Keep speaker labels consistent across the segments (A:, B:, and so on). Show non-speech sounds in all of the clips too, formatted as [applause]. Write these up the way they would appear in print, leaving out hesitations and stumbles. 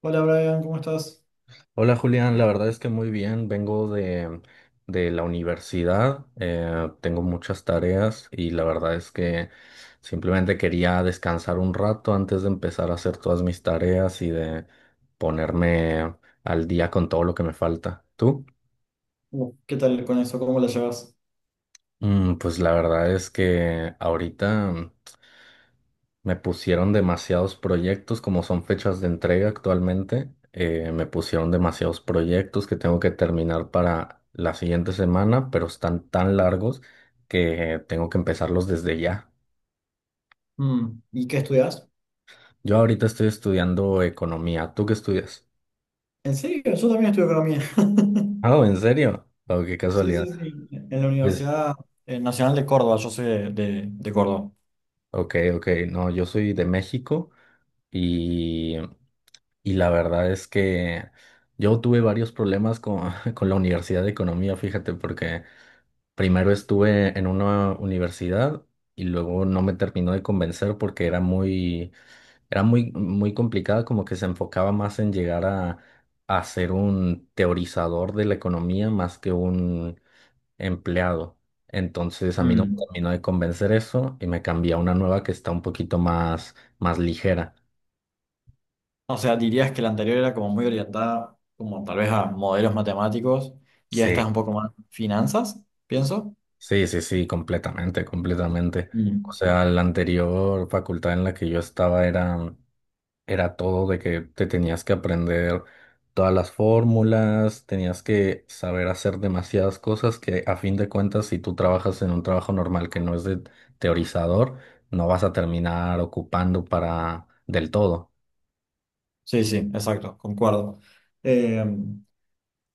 A: Hola Brian, ¿cómo estás?
B: Hola Julián, la verdad es que muy bien, vengo de la universidad, tengo muchas tareas y la verdad es que simplemente quería descansar un rato antes de empezar a hacer todas mis tareas y de ponerme al día con todo lo que me falta. ¿Tú?
A: ¿Qué tal con eso? ¿Cómo la llevas?
B: Pues la verdad es que ahorita me pusieron demasiados proyectos, como son fechas de entrega actualmente, me pusieron demasiados proyectos que tengo que terminar para la siguiente semana, pero están tan largos que tengo que empezarlos desde ya.
A: ¿Y qué estudias?
B: Yo ahorita estoy estudiando economía. ¿Tú qué estudias? [laughs]
A: ¿En serio? Yo también estudio economía. [laughs]
B: Ah, ¿en serio? Oh, qué
A: Sí,
B: casualidad.
A: sí, sí. En la
B: Pues,
A: Universidad Nacional de Córdoba, yo soy de Córdoba.
B: ok, ok. No, yo soy de México y, y, la verdad es que yo tuve varios problemas con, [laughs] con la Universidad de Economía, fíjate, porque... Primero estuve en una universidad y luego no me terminó de convencer porque era muy, muy complicada, como que se enfocaba más en llegar a ser un teorizador de la economía más que un empleado. Entonces a mí no me
A: Mm.
B: terminó de convencer eso y me cambié a una nueva que está un poquito más ligera.
A: O sea, dirías que la anterior era como muy orientada, como tal vez a modelos matemáticos, y esta es
B: Sí.
A: un poco más finanzas, pienso.
B: Sí, sí, sí, completamente, completamente. O
A: Mm.
B: sea, la anterior facultad en la que yo estaba era todo de que te tenías que aprender todas las fórmulas, tenías que saber hacer demasiadas cosas que a fin de cuentas, si tú trabajas en un trabajo normal que no es de teorizador, no vas a terminar ocupando para del todo.
A: Sí, sí, exacto, concuerdo. Eh,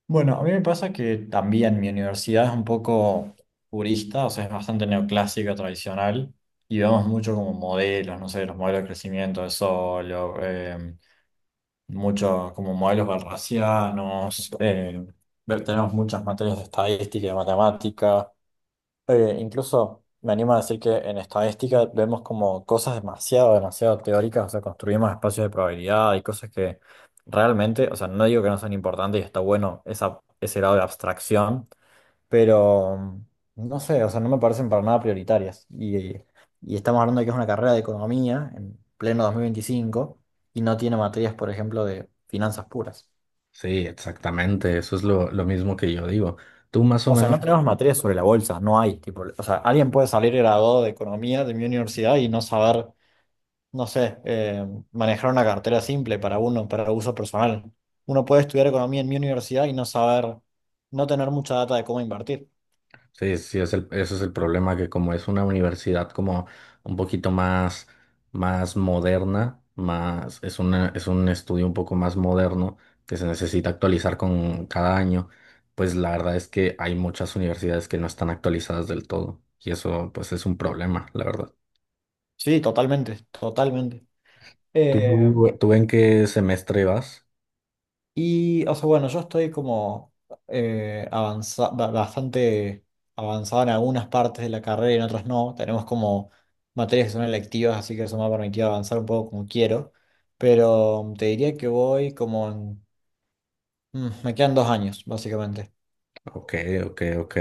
A: Bueno, a mí me pasa que también mi universidad es un poco purista, o sea, es bastante neoclásica, tradicional, y vemos mucho como modelos, no sé, los modelos de crecimiento de Solow, mucho como modelos balracianos, tenemos muchas materias de estadística y de matemática, incluso me animo a decir que en estadística vemos como cosas demasiado, demasiado teóricas, o sea, construimos espacios de probabilidad y cosas que realmente, o sea, no digo que no son importantes y está bueno ese grado de abstracción, pero no sé, o sea, no me parecen para nada prioritarias. Y estamos hablando de que es una carrera de economía en pleno 2025 y no tiene materias, por ejemplo, de finanzas puras.
B: Sí, exactamente, eso es lo mismo que yo digo. Tú más o
A: O sea,
B: menos.
A: no tenemos materias sobre la bolsa, no hay, tipo, o sea, alguien puede salir graduado de economía de mi universidad y no saber, no sé, manejar una cartera simple para uno, para uso personal. Uno puede estudiar economía en mi universidad y no saber, no tener mucha data de cómo invertir.
B: Sí, sí, es ese es el problema, que como es una universidad como un poquito más moderna, es un estudio un poco más moderno que se necesita actualizar con cada año, pues la verdad es que hay muchas universidades que no están actualizadas del todo y eso pues es un problema, la verdad.
A: Sí, totalmente, totalmente. Eh,
B: ¿Tú en qué semestre vas?
A: y, o sea, bueno, yo estoy como bastante avanzado en algunas partes de la carrera y en otras no. Tenemos como materias que son electivas, así que eso me ha permitido avanzar un poco como quiero. Pero te diría que voy como en... mm, me quedan dos años, básicamente.
B: Ok, ok, ok.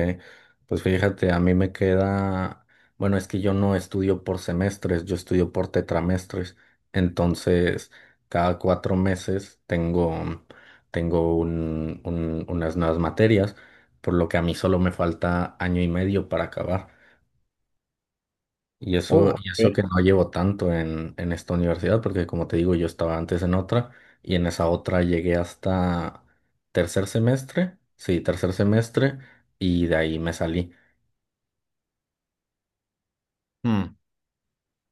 B: Pues fíjate, a mí me queda, bueno, es que yo no estudio por semestres, yo estudio por tetramestres. Entonces, cada 4 meses tengo unas nuevas materias, por lo que a mí solo me falta año y medio para acabar. Y eso,
A: Oh,
B: y eso que
A: ok.
B: no llevo tanto en esta universidad, porque como te digo, yo estaba antes en otra y en esa otra llegué hasta tercer semestre, sí, tercer semestre, y de ahí me salí.
A: Mm.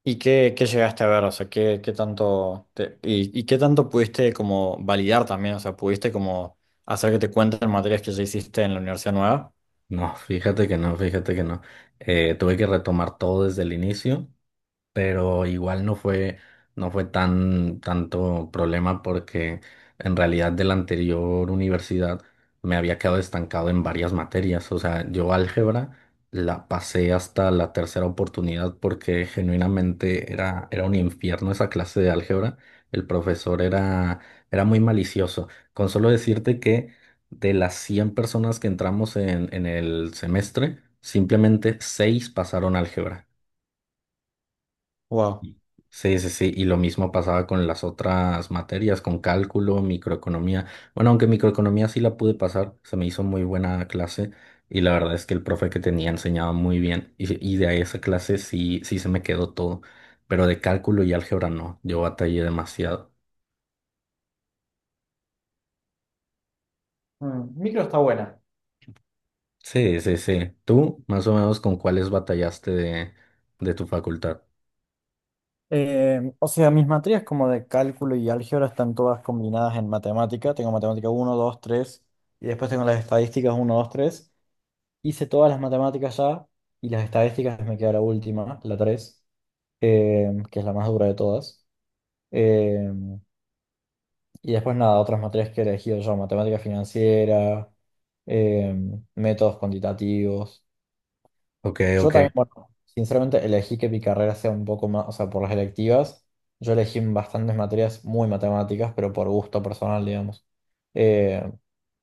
A: ¿Y qué llegaste a ver? O sea, ¿qué tanto y, qué tanto pudiste como validar también? O sea, ¿pudiste como hacer que te cuenten materias que ya hiciste en la universidad nueva?
B: No, fíjate que no, fíjate que no. Tuve que retomar todo desde el inicio pero igual no fue tanto problema porque en realidad de la anterior universidad me había quedado estancado en varias materias. O sea, yo álgebra la pasé hasta la tercera oportunidad porque genuinamente era un infierno esa clase de álgebra. El profesor era muy malicioso. Con solo decirte que de las 100 personas que entramos en el semestre, simplemente 6 pasaron álgebra.
A: Wow.
B: Sí, sí, sí, y lo mismo pasaba con las otras materias, con cálculo, microeconomía. Bueno, aunque microeconomía sí la pude pasar, se me hizo muy buena clase y la verdad es que el profe que tenía enseñaba muy bien y de ahí esa clase sí, sí se me quedó todo, pero de cálculo y álgebra no, yo batallé demasiado.
A: Micro está buena.
B: Sí, sí, sí. ¿Tú más o menos con cuáles batallaste de tu facultad?
A: O sea, mis materias como de cálculo y álgebra están todas combinadas en matemática. Tengo matemática uno, 2, 3 y después tengo las estadísticas uno, 2, 3. Hice todas las matemáticas ya y las estadísticas me queda la última, la 3, que es la más dura de todas. Eh, Y después nada, otras materias que he elegido yo, matemática financiera, eh, métodos cuantitativos.
B: Ok,
A: Yo
B: ok.
A: también, bueno, sinceramente elegí que mi carrera sea un poco más, o sea, por las electivas, yo elegí bastantes materias muy matemáticas, pero por gusto personal, digamos. Eh,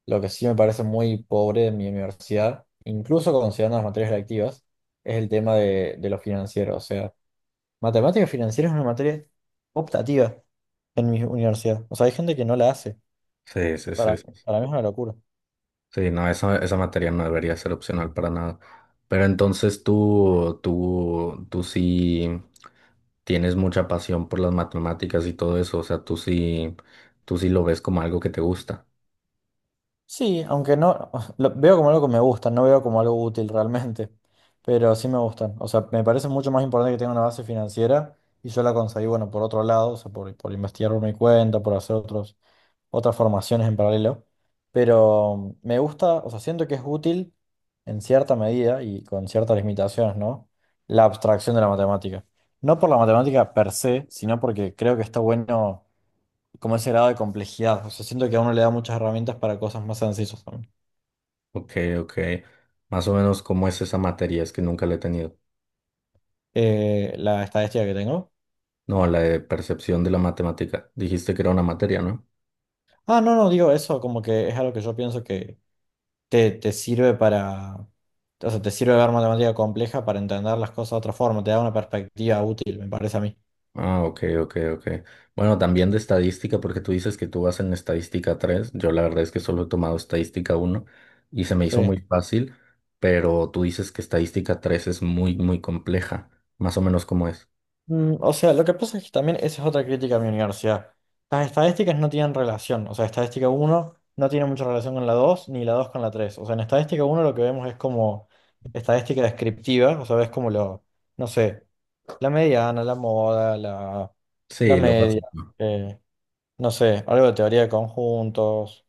A: lo que sí me parece muy pobre de mi universidad, incluso considerando las materias electivas, es el tema de lo financiero. O sea, matemática financiera es una materia optativa en mi universidad. O sea, hay gente que no la hace.
B: Sí, sí, sí.
A: Para, para mí es una locura.
B: Sí, no, esa materia no debería ser opcional para nada. Pero entonces tú sí tienes mucha pasión por las matemáticas y todo eso, o sea, tú sí lo ves como algo que te gusta.
A: Sí, aunque no, [laughs] lo veo como algo que me gusta, no veo como algo útil realmente, pero sí me gustan. O sea, me parece mucho más importante que tenga una base financiera y yo la conseguí, bueno, por otro lado, o sea, por investigar por mi cuenta, por hacer otros, otras formaciones en paralelo. Pero me gusta, o sea, siento que es útil en cierta medida y con ciertas limitaciones, ¿no? La abstracción de la matemática. No por la matemática per se, sino porque creo que está bueno como ese grado de complejidad. O sea, siento que a uno le da muchas herramientas para cosas más sencillas también.
B: Ok, ok. Más o menos, ¿cómo es esa materia? Es que nunca la he tenido.
A: La estadística que tengo.
B: No, la de percepción de la matemática. Dijiste que era una materia, ¿no?
A: Ah, no, no, digo eso, como que es algo que yo pienso que te sirve para, o sea, te sirve ver matemática compleja para entender las cosas de otra forma, te da una perspectiva útil, me parece a mí.
B: Ah, ok, ok, ok. Bueno, también de estadística, porque tú dices que tú vas en estadística 3. Yo la verdad es que solo he tomado estadística uno y se me hizo
A: Sí.
B: muy fácil, pero tú dices que estadística 3 es muy, muy compleja. Más o menos como es.
A: O sea, lo que pasa es que también esa es otra crítica a mi universidad. Las estadísticas no tienen relación. O sea, estadística uno no tiene mucha relación con la 2, ni la 2 con la 3. O sea, en estadística uno lo que vemos es como estadística descriptiva. O sea, ves como lo, no sé, la mediana, la moda, la
B: Sí, lo
A: media,
B: básico.
A: eh, no sé, algo de teoría de conjuntos.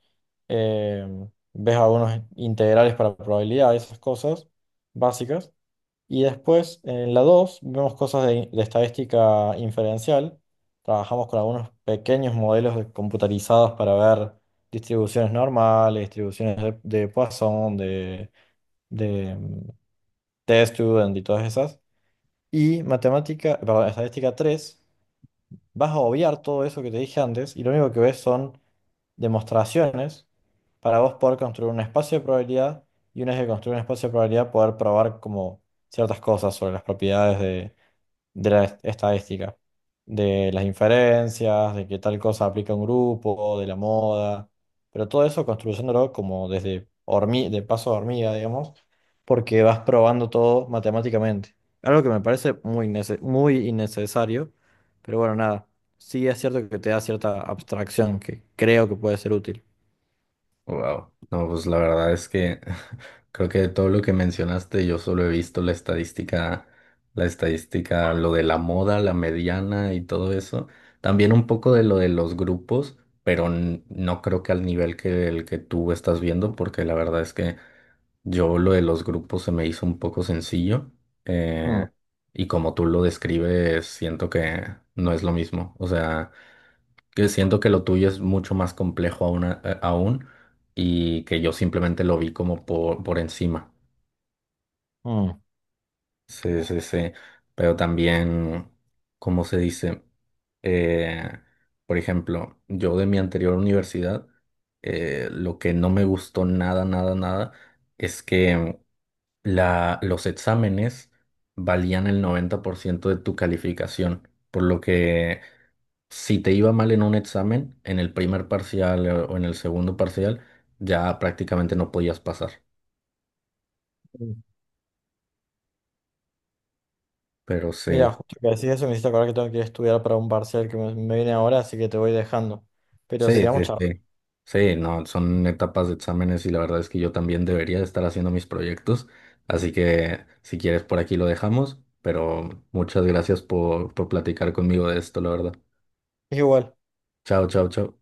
A: eh, ves algunos integrales para probabilidad, esas cosas básicas. Y después, en la 2 vemos cosas de estadística inferencial. Trabajamos con algunos pequeños modelos computarizados para ver distribuciones normales, distribuciones de Poisson, de test student y todas esas. Y matemática, perdón, estadística 3 vas a obviar todo eso que te dije antes y lo único que ves son demostraciones para vos poder construir un espacio de probabilidad y una vez que construir un espacio de probabilidad poder probar como ciertas cosas sobre las propiedades de la estadística, de las inferencias, de que tal cosa aplica a un grupo, de la moda, pero todo eso construyéndolo como desde de paso a hormiga, digamos, porque vas probando todo matemáticamente. Algo que me parece muy innecesario, pero bueno, nada, sí es cierto que te da cierta abstracción que creo que puede ser útil.
B: Wow. No, pues la verdad es que [laughs] creo que de todo lo que mencionaste, yo solo he visto la estadística, lo de la moda, la mediana y todo eso. También un poco de lo de los grupos, pero no creo que al nivel que el que tú estás viendo, porque la verdad es que yo lo de los grupos se me hizo un poco sencillo.
A: Mm,
B: eh, y como tú lo describes, siento que no es lo mismo. O sea, que siento que lo tuyo es mucho más complejo aún, aún y que yo simplemente lo vi como por encima.
A: mm.
B: Sí, sí, sí. Pero también, ¿cómo se dice? Eh, por ejemplo, yo de mi anterior universidad, lo que no me gustó nada, nada, nada, es que los exámenes valían el 90% de tu calificación, por lo que si te iba mal en un examen, en el primer parcial o en el segundo parcial, ya prácticamente no podías pasar.
A: Mm.
B: Pero
A: Mira,
B: sí.
A: justo que decís eso, me hiciste acordar que tengo que ir a estudiar para un parcial que me viene ahora, así que te voy dejando. Pero
B: Sí,
A: sigamos
B: sí,
A: charlando.
B: sí. Sí, no, son etapas de exámenes y la verdad es que yo también debería estar haciendo mis proyectos. Así que si quieres por aquí lo dejamos, pero muchas gracias por platicar conmigo de esto, la verdad.
A: Igual.
B: Chao, chao, chao.